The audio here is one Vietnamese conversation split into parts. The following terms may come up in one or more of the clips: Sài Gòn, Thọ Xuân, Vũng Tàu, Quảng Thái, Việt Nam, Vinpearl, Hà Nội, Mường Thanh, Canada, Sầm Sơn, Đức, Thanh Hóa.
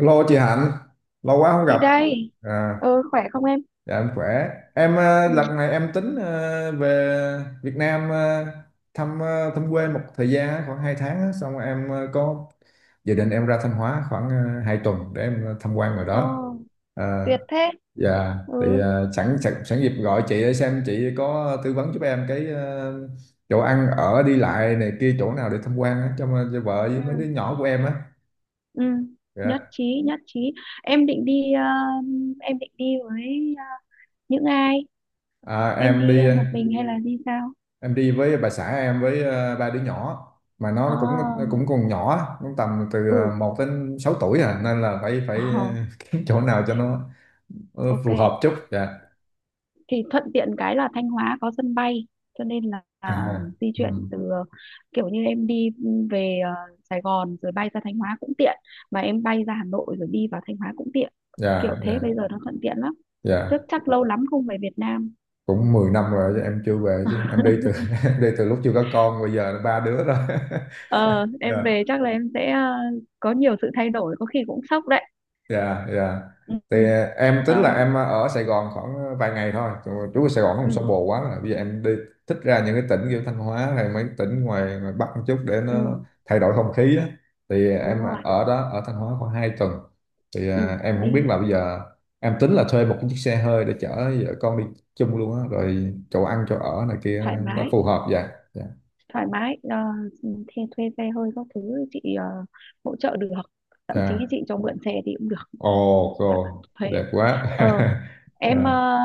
Alo chị Hạnh, lâu quá không Chị gặp. đây. À, Khỏe không em? dạ em khỏe. Em Ừ. lần này em tính về Việt Nam thăm quê một thời gian á, khoảng 2 tháng á. Xong rồi em có dự định em ra Thanh Hóa khoảng 2 tuần để em tham quan ngoài Ồ, đó. À, tuyệt thế. dạ thì Ừ. Sẵn sẵn sẵn dịp gọi chị để xem chị có tư vấn giúp em cái chỗ ăn ở đi lại này kia chỗ nào để tham quan á cho vợ với Ừ. mấy đứa nhỏ của em á. Ừ. Nhất Dạ. trí, nhất trí. Em định đi ờ, em định đi với ờ, những ai? À, Em đi một mình hay là đi sao? em đi với bà xã em với ba đứa nhỏ mà nó cũng À, nó cũng còn nhỏ cũng tầm từ ừ. 1 đến 6 tuổi à, nên là phải Ờ, phải kiếm chỗ nào cho nó ok. phù hợp chút dạ. Thì thuận tiện cái là Thanh Hóa có sân bay, cho nên là À, à. di chuyển Ừ. Kiểu như em đi về Sài Gòn rồi bay ra Thanh Hóa cũng tiện, mà em bay ra Hà Nội rồi đi vào Thanh Hóa cũng tiện, kiểu Dạ, thế, dạ, bây giờ nó thuận tiện lắm. Chắc dạ, chắc lâu lắm không về Việt Nam. cũng 10 năm rồi chứ em chưa về chứ em đi từ em đi từ lúc chưa có con bây giờ là ba đứa rồi. Ờ, em về chắc là có nhiều sự thay đổi, có khi cũng sốc đấy. Dạ, dạ. Ừ, ừ. Thì em tính là Ờ, em ở Sài Gòn khoảng vài ngày thôi. Chú Trú ở Sài Gòn không ừ, sao bồ quá rồi. Bây giờ em đi thích ra những cái tỉnh kiểu Thanh Hóa hay mấy tỉnh ngoài Bắc một chút để nó ừ, thay đổi không khí á. Thì em đúng rồi. ở đó ở Thanh Hóa khoảng 2 tuần. Thì Ừ, em không biết đi là bây giờ em tính là thuê một cái chiếc xe hơi để chở vợ con đi chung luôn á, rồi chỗ ăn chỗ ở này kia thoải nó mái, phù hợp vậy. Dạ. thoải mái. Ờ, ừ, thuê xe hơi các thứ chị hỗ trợ được. Thậm chí Dạ. chị cho mượn xe thì cũng được, Ồ, chẳng cần cô, thuê. đẹp quá. Ờ, em Dạ. ờ,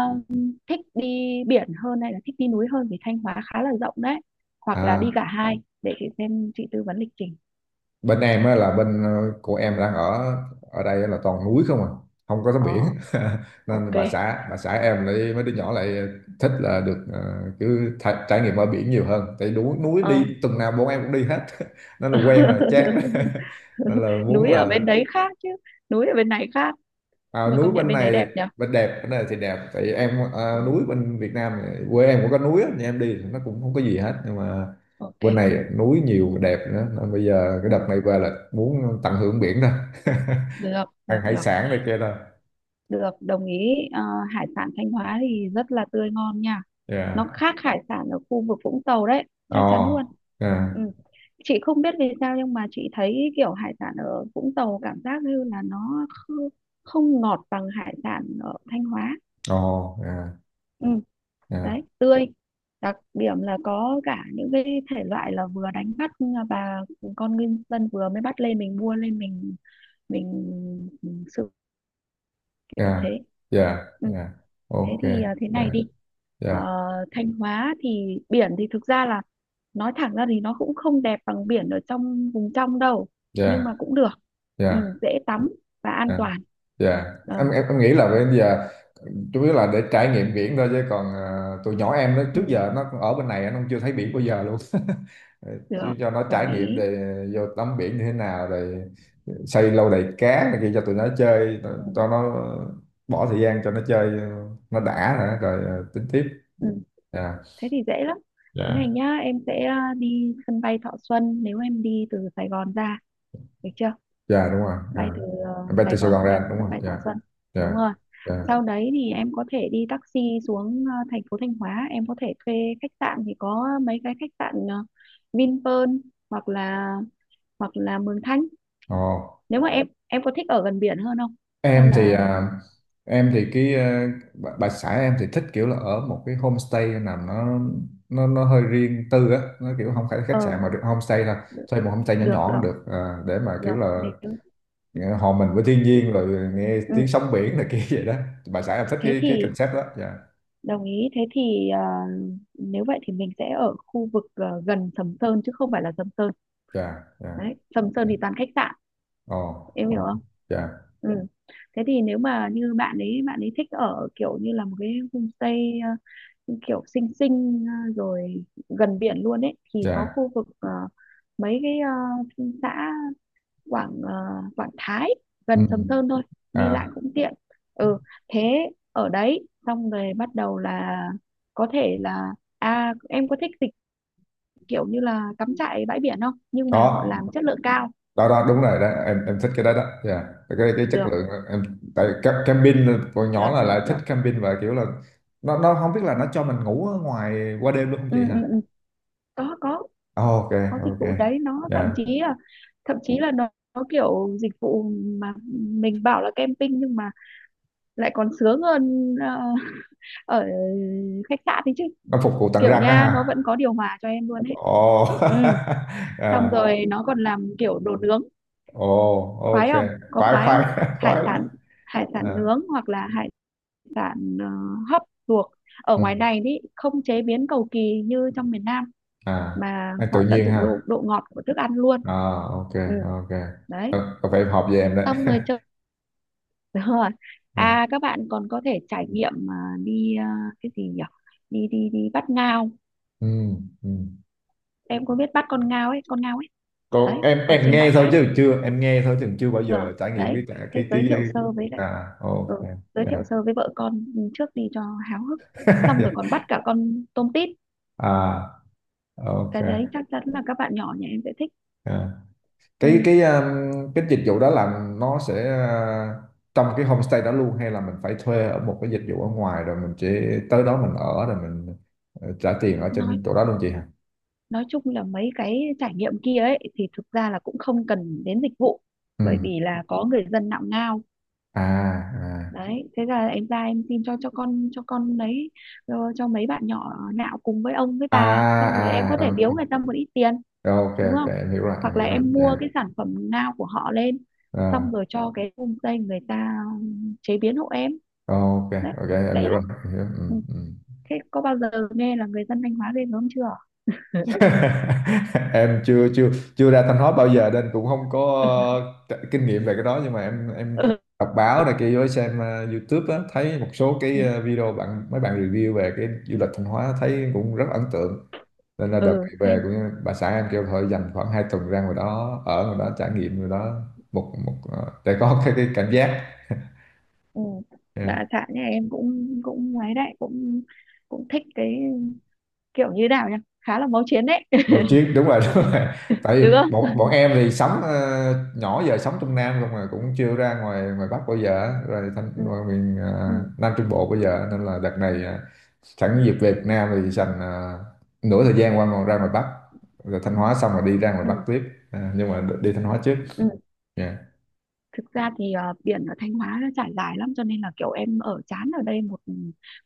thích đi biển hơn hay là thích đi núi hơn, vì Thanh Hóa khá là rộng đấy. Hoặc là đi À. cả hai để chị xem chị tư vấn lịch trình. Bên em á là bên của em đang ở, ở đây là toàn núi không à, không có tắm biển. Ờ, Nên ok. bà xã em lại mấy đứa nhỏ lại thích là được cứ trải nghiệm ở biển nhiều hơn, tại núi núi Ờ, đi tuần nào bọn em cũng đi hết. Nên là quen rồi chán. Nên là muốn núi ở là. bên đấy khác chứ, núi ở bên này khác, À, nhưng mà núi công nhận bên bên đấy này, đẹp nhỉ. bên đẹp bên này thì đẹp tại vì em, Ừ. Núi bên Việt Nam này, quê em cũng có núi á, nhưng em đi thì nó cũng không có gì hết, nhưng mà Ok. bên này núi nhiều đẹp nữa nên bây giờ cái Ừ. đợt này về là muốn tận hưởng biển đó. Được, được, Ăn hải được. sản này kia đó. Được, đồng ý. Ờ, hải sản Thanh Hóa thì rất là tươi ngon nha, Yeah. nó khác hải sản ở khu vực Vũng Tàu đấy, chắc chắn luôn. Oh. Yeah. Ừ. Chị không biết vì sao, nhưng mà chị thấy kiểu hải sản ở Vũng Tàu cảm giác như là không ngọt bằng hải sản ở Thanh Hóa. Oh. Yeah, Ừ. yeah, Đấy, tươi, đặc điểm là có cả những cái thể loại là vừa đánh bắt, và con ngư dân vừa mới bắt lên mình mua lên mình sự kiểu yeah, thế. yeah, Ừ. yeah, Thế ok, thì à, thế này yeah, đi. Ờ, yeah, Thanh Hóa thì biển thì thực ra là, nói thẳng ra thì nó cũng không đẹp bằng biển ở trong vùng trong đâu, nhưng yeah, mà cũng được. Ừ, yeah, dễ tắm và an yeah. toàn. Dạ, Em, Ờ, em em nghĩ là bây giờ chủ yếu là để trải nghiệm biển thôi chứ còn, tụi nhỏ em nó trước ừ, giờ nó ở bên này nó chưa thấy biển bao giờ luôn. được, Chứ cho nó đồng trải nghiệm ý. để vô tắm biển như thế nào rồi xây lâu đài cá này kia cho tụi nó chơi, Ừ. cho nó bỏ thời gian cho nó chơi, nó đã nữa rồi à, tính tiếp. Ừ. Dạ. Thế thì dễ lắm. Thế này Dạ. nhá, em sẽ à, đi sân bay Thọ Xuân nếu em đi từ Sài Gòn ra, được chưa. Dạ đúng rồi. Bay Dạ. từ Em bay Sài từ Sài Gòn Gòn ra sang đúng sân rồi. bay Thọ Dạ. Xuân, Dạ. đúng rồi. Dạ. Sau đấy thì em có thể đi taxi xuống thành phố Thanh Hóa. Em có thể thuê khách sạn, thì có mấy cái khách sạn ờ, Vinpearl, hoặc là hoặc là Mường Thanh. Ồ. Nếu mà em có thích ở gần biển hơn không, hay Em thì, là em thì cái à, bà xã em thì thích kiểu là ở một cái homestay nào nó hơi riêng tư á, nó kiểu không phải là ờ. khách sạn mà được homestay, là thuê một homestay nhỏ Được, nhỏ cũng được, được, để mà kiểu được, là, nếu. Hòa mình với thiên nhiên rồi nghe Ừ. tiếng sóng biển này kia vậy đó, bà xã em thích Thế cái thì, concept đó dạ. đồng ý. Thế thì ờ, nếu vậy thì mình sẽ ở khu vực ờ, gần Sầm Sơn chứ không phải là Sầm Sơn. Dạ, dạ, Đấy, Sầm Sơn dạ. thì toàn khách sạn, Ồ, em hiểu ồ. không? Dạ, Ừ. Thế thì nếu mà như bạn ấy thích ở kiểu như là một cái homestay ờ, kiểu xinh xinh ờ, rồi gần biển luôn ấy, thì có dạ. khu vực ờ, mấy cái ờ, xã Quảng Thái, Ừ. gần Sầm Sơn thôi, đi lại À, cũng tiện. Ừ. Thế, ở đấy xong rồi bắt đầu là có thể là à, em có thích dịch, kiểu như là cắm trại bãi biển không, nhưng mà họ làm có chất lượng cao. đó, đó đúng rồi đó, em thích cái đó đó. Yeah. Cái chất Được lượng em, tại camping còn nhỏ được là được lại thích được. camping và kiểu là nó không biết là nó cho mình ngủ ở ngoài qua đêm luôn không Ừ, chị ừ, hả. ừ. Có, Ờ, ok, có dịch ok. vụ đấy, nó thậm Yeah. chí là, thậm chí là nó kiểu dịch vụ mà mình bảo là camping nhưng mà lại còn sướng hơn ờ, ở khách sạn thì chứ, Nó phục vụ tận kiểu răng á nha, nó hả? vẫn có điều hòa cho em luôn ấy. Ồ. Ừ. Xong À, rồi nó còn làm kiểu đồ nướng, ồ, khoái ok. không, có Khoái, khoái không. khoái. Hải Khoái lắm. sản, hải sản À, nướng hoặc là hải sản hấp luộc, ở ngoài ừ. này thì không chế biến cầu kỳ như trong miền Nam, À, mà anh tự họ tận nhiên dụng ha. độ độ ngọt của thức ăn luôn. À, ok, Ừ, ok. đấy. Ờ, có phải em hợp với em đấy. Xong rồi chơi rồi, À, à các bạn còn có thể trải nghiệm mà, đi ờ, cái gì nhỉ, đi đi đi bắt ngao, ừ, ừ. em có biết bắt con ngao ấy, con ngao ấy, Còn đấy, em ở em trên nghe bãi thôi cát chứ chưa, em nghe thôi chứ chưa bao giờ trải nghiệm đấy. cái, cả Thế cái. giới thiệu sơ với lại À, ừ, ok. giới thiệu À. sơ với vợ con trước đi cho háo hức. Xong rồi còn bắt cả con tôm tít, À, ok. cái đấy chắc chắn là các bạn nhỏ nhà em sẽ thích. À. Cái, Ừ, cái dịch vụ đó là nó sẽ, trong cái homestay đó luôn hay là mình phải thuê ở một cái dịch vụ ở ngoài rồi mình chỉ tới đó mình ở rồi mình trả tiền ở nói trên chỗ đó luôn chị hả? nói chung là mấy cái trải nghiệm kia ấy thì thực ra là cũng không cần đến dịch vụ, Ừ. bởi vì là có người dân nạo ngao À, đấy, thế là em ra em xin cho con lấy cho mấy bạn nhỏ nạo cùng với ông với à, bà, xong rồi em à, có à, thể biếu người ta một ít tiền, ok, ok, đúng ok, không. em hiểu rồi, em Hoặc là hiểu rồi em mua dạ. cái sản phẩm nào của họ lên, xong À, rồi cho cái homestay người ta chế biến hộ em ok, đấy, ok, em dễ hiểu lắm. rồi em hiểu. Ừ. Ừ, ừ. Thế có bao giờ nghe là người dân Thanh Hóa ghê gớm chưa. Em chưa chưa chưa ra Thanh Hóa bao giờ nên cũng không có, kinh nghiệm về cái đó, nhưng mà em Ừ, đọc báo này kia với xem YouTube á, thấy một số ừ, cái video mấy bạn review về cái du lịch Thanh Hóa thấy cũng rất ấn tượng, nên là đợt ừ, này về Thanh. cũng bà xã em kêu thôi dành khoảng 2 tuần ra ngoài đó ở ngoài đó trải nghiệm ngoài đó, một một ờ, để có cái cảm giác. Ừ. Yeah. Bà xã nhà em cũng cũng ấy đấy, cũng cũng thích cái kiểu như nào nhỉ, khá là máu chiến đấy. Vào chiếc đúng rồi. Đúng rồi. Tại vì Được bọn không. bọn em thì sống, nhỏ giờ sống trong Nam không mà cũng chưa ra ngoài ngoài Bắc bao giờ á, rồi thành Ừ. ngoài miền, Ừ. Nam Trung Bộ bao giờ nên là đợt này, sẵn dịp về Việt Nam thì dành, nửa thời gian qua còn ra ngoài Bắc, rồi Thanh Hóa xong rồi đi ra ngoài Ừ. Bắc tiếp, à, nhưng mà đi Thanh Hóa trước. Ừ. Yeah. Thực ra thì ờ, biển ở Thanh Hóa nó trải dài lắm, cho nên là kiểu em ở chán ở đây một ừ,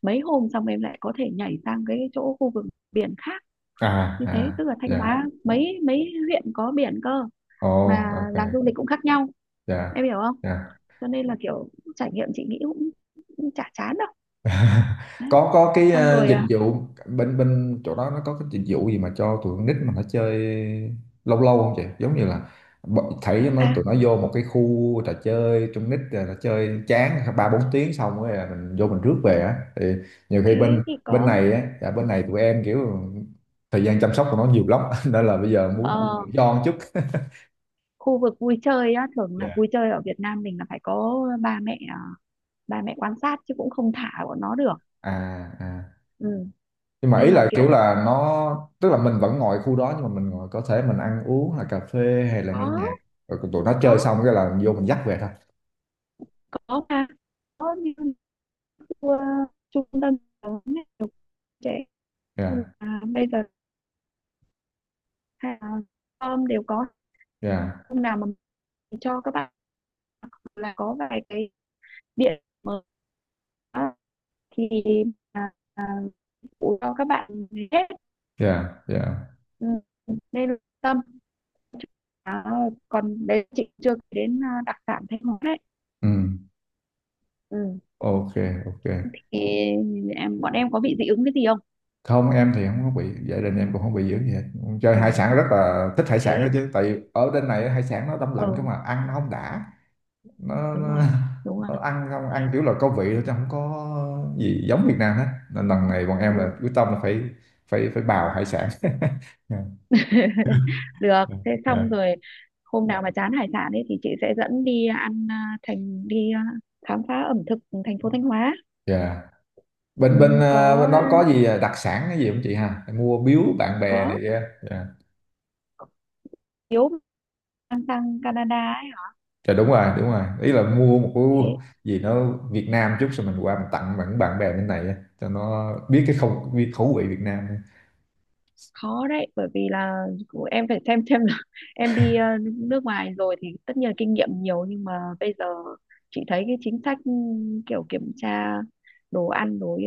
mấy hôm xong em lại có thể nhảy sang cái chỗ khu vực biển khác, À. như thế À. tức là Thanh Dạ. Hóa mấy mấy huyện có biển cơ, Oh, mà làm ok. du lịch cũng khác nhau, em Dạ, hiểu không. dạ. Cho nên là kiểu trải nghiệm chị nghĩ cũng chả chán đâu đấy. Có, cái Xong rồi dịch à, vụ bên bên chỗ đó nó có cái dịch vụ gì mà cho tụi con nít mà nó chơi lâu lâu không chị, giống như là thấy nó, à tụi nó vô một cái khu trò chơi trong nít rồi nó chơi chán 3 4 tiếng xong rồi là mình vô mình rước về á thì nhiều khi thế bên thì bên có này á, dạ, bên này tụi em kiểu thời gian chăm sóc của nó nhiều lắm nên là bây giờ muốn ờ, tự do một chút. khu vực vui chơi á, thường là Dạ. vui chơi ở Việt Nam mình là phải có ba mẹ quan sát chứ cũng không thả bọn nó được. À, à. Ừ. Nhưng mà Nên ý là là kiểu kiểu là nó, tức là mình vẫn ngồi khu đó nhưng mà mình ngồi có thể mình ăn uống là cà phê hay là nghe nhạc, có, rồi tụi nó chơi có xong cái là vô mình dắt về thôi. có mà, có như trung tâm giáo dục trẻ Yeah, là bây giờ hay là đều có. yeah, Hôm nào mà mình cho các bạn là có vài cái điện mở thì à, à, cho các bạn hết. yeah, yeah. Ừ, nên tâm à, còn đấy chị chưa đến à, đặc sản Thanh Hóa đấy. Ừ. Ừ. Ok, ok. Thì em bọn em có bị dị ứng cái gì không. Không, em thì không có bị, gia đình em cũng không bị dữ gì hết, chơi Ừ, hải sản rất là thích hải sản đó thế, chứ, tại vì ở bên này hải sản nó đông lạnh cơ ừ, mà ăn nó không đã, nó, đúng rồi, nó, đúng rồi. nó ăn không, ăn kiểu là có vị thôi chứ không có gì giống Việt Nam hết, nên lần này bọn Ừ. em là quyết tâm là phải phải phải bào hải sản. Được, Dạ. thế Dạ. xong rồi hôm nào mà chán hải sản ấy thì chị sẽ dẫn đi ăn à, thành đi à, khám phá ẩm thực thành phố Thanh Hóa. Dạ. Ừ, Bên Bên có bên đó có gì đặc sản cái gì không chị ha? Mua biếu bạn bè này có kia. Dạ. thiếu, mang sang Canada ấy. Dạ đúng rồi, đúng rồi. Ý là mua một cái Thế gì nó Việt Nam chút rồi mình qua mình tặng bạn bạn bè bên này á, cho nó biết cái, không biết khẩu vị Việt Nam. khó đấy, bởi vì là em phải xem là em đi à, nước ngoài rồi thì tất nhiên là kinh nghiệm nhiều, nhưng mà bây giờ chị thấy cái chính sách ừ, kiểu kiểm tra đồ ăn đồ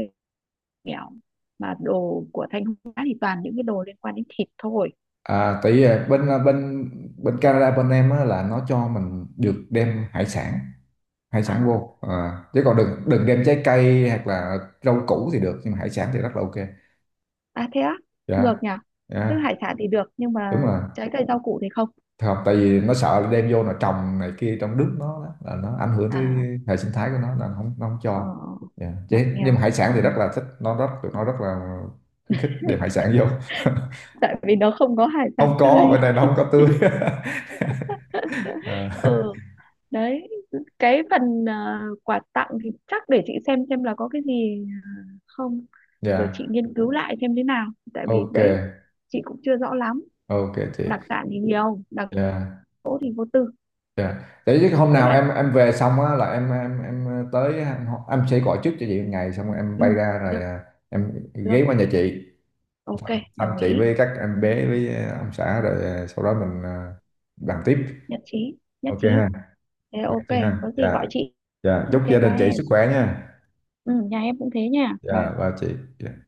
nghèo, mà đồ của Thanh Hóa thì toàn những cái đồ liên quan đến thịt thôi. À, tại vì bên Canada bên em á, là nó cho mình được đem hải sản À. vô, à, chứ còn đừng đừng đem trái cây hoặc là rau củ thì được nhưng mà hải sản thì rất là ok. À thế á, ngược Dạ, nhỉ? Tức dạ, hải sản thì được nhưng đúng mà rồi. trái cây rau củ thì không. Không, tại vì nó sợ là đem vô là trồng này kia trong nước nó đó, là nó ảnh hưởng tới À, hệ sinh thái của nó, là nó không ờ, cho. Dạ. ngặt Chứ, nhưng mà nghèo. hải sản thì Ừ. rất là thích, nó rất, tụi nó rất là khuyến khích đem hải sản vô. Tại vì nó không có hải sản Không có, tươi. bữa nay nó không có tươi. Ờ, Ừ, đấy. Cái phần ờ, quà tặng thì chắc để chị xem là có cái gì không. Rồi chị dạ, nghiên cứu lại xem thế nào. Tại vì ok, đấy, chị cũng chưa rõ lắm. ok chị, Đặc sản thì nhiều, đặc dạ, cỗ thì vô tư. dạ. Để chứ hôm Với nào lại, em về xong á là, tới, em sẽ gọi trước cho chị 1 ngày xong rồi em ừ, bay ra rồi, được, à, em ghé được. qua nhà chị Ok, thăm đồng chị ý. với các em bé với ông xã rồi, sau đó mình bàn tiếp. Nhất trí, nhất Ok trí. ha. Thế Ok ok, chị ha, có gì gọi dạ. chị. Dạ chúc Ok gia ba đình chị em, sức khỏe nha. ừ nhà em cũng thế nha ba. Dạ và chị.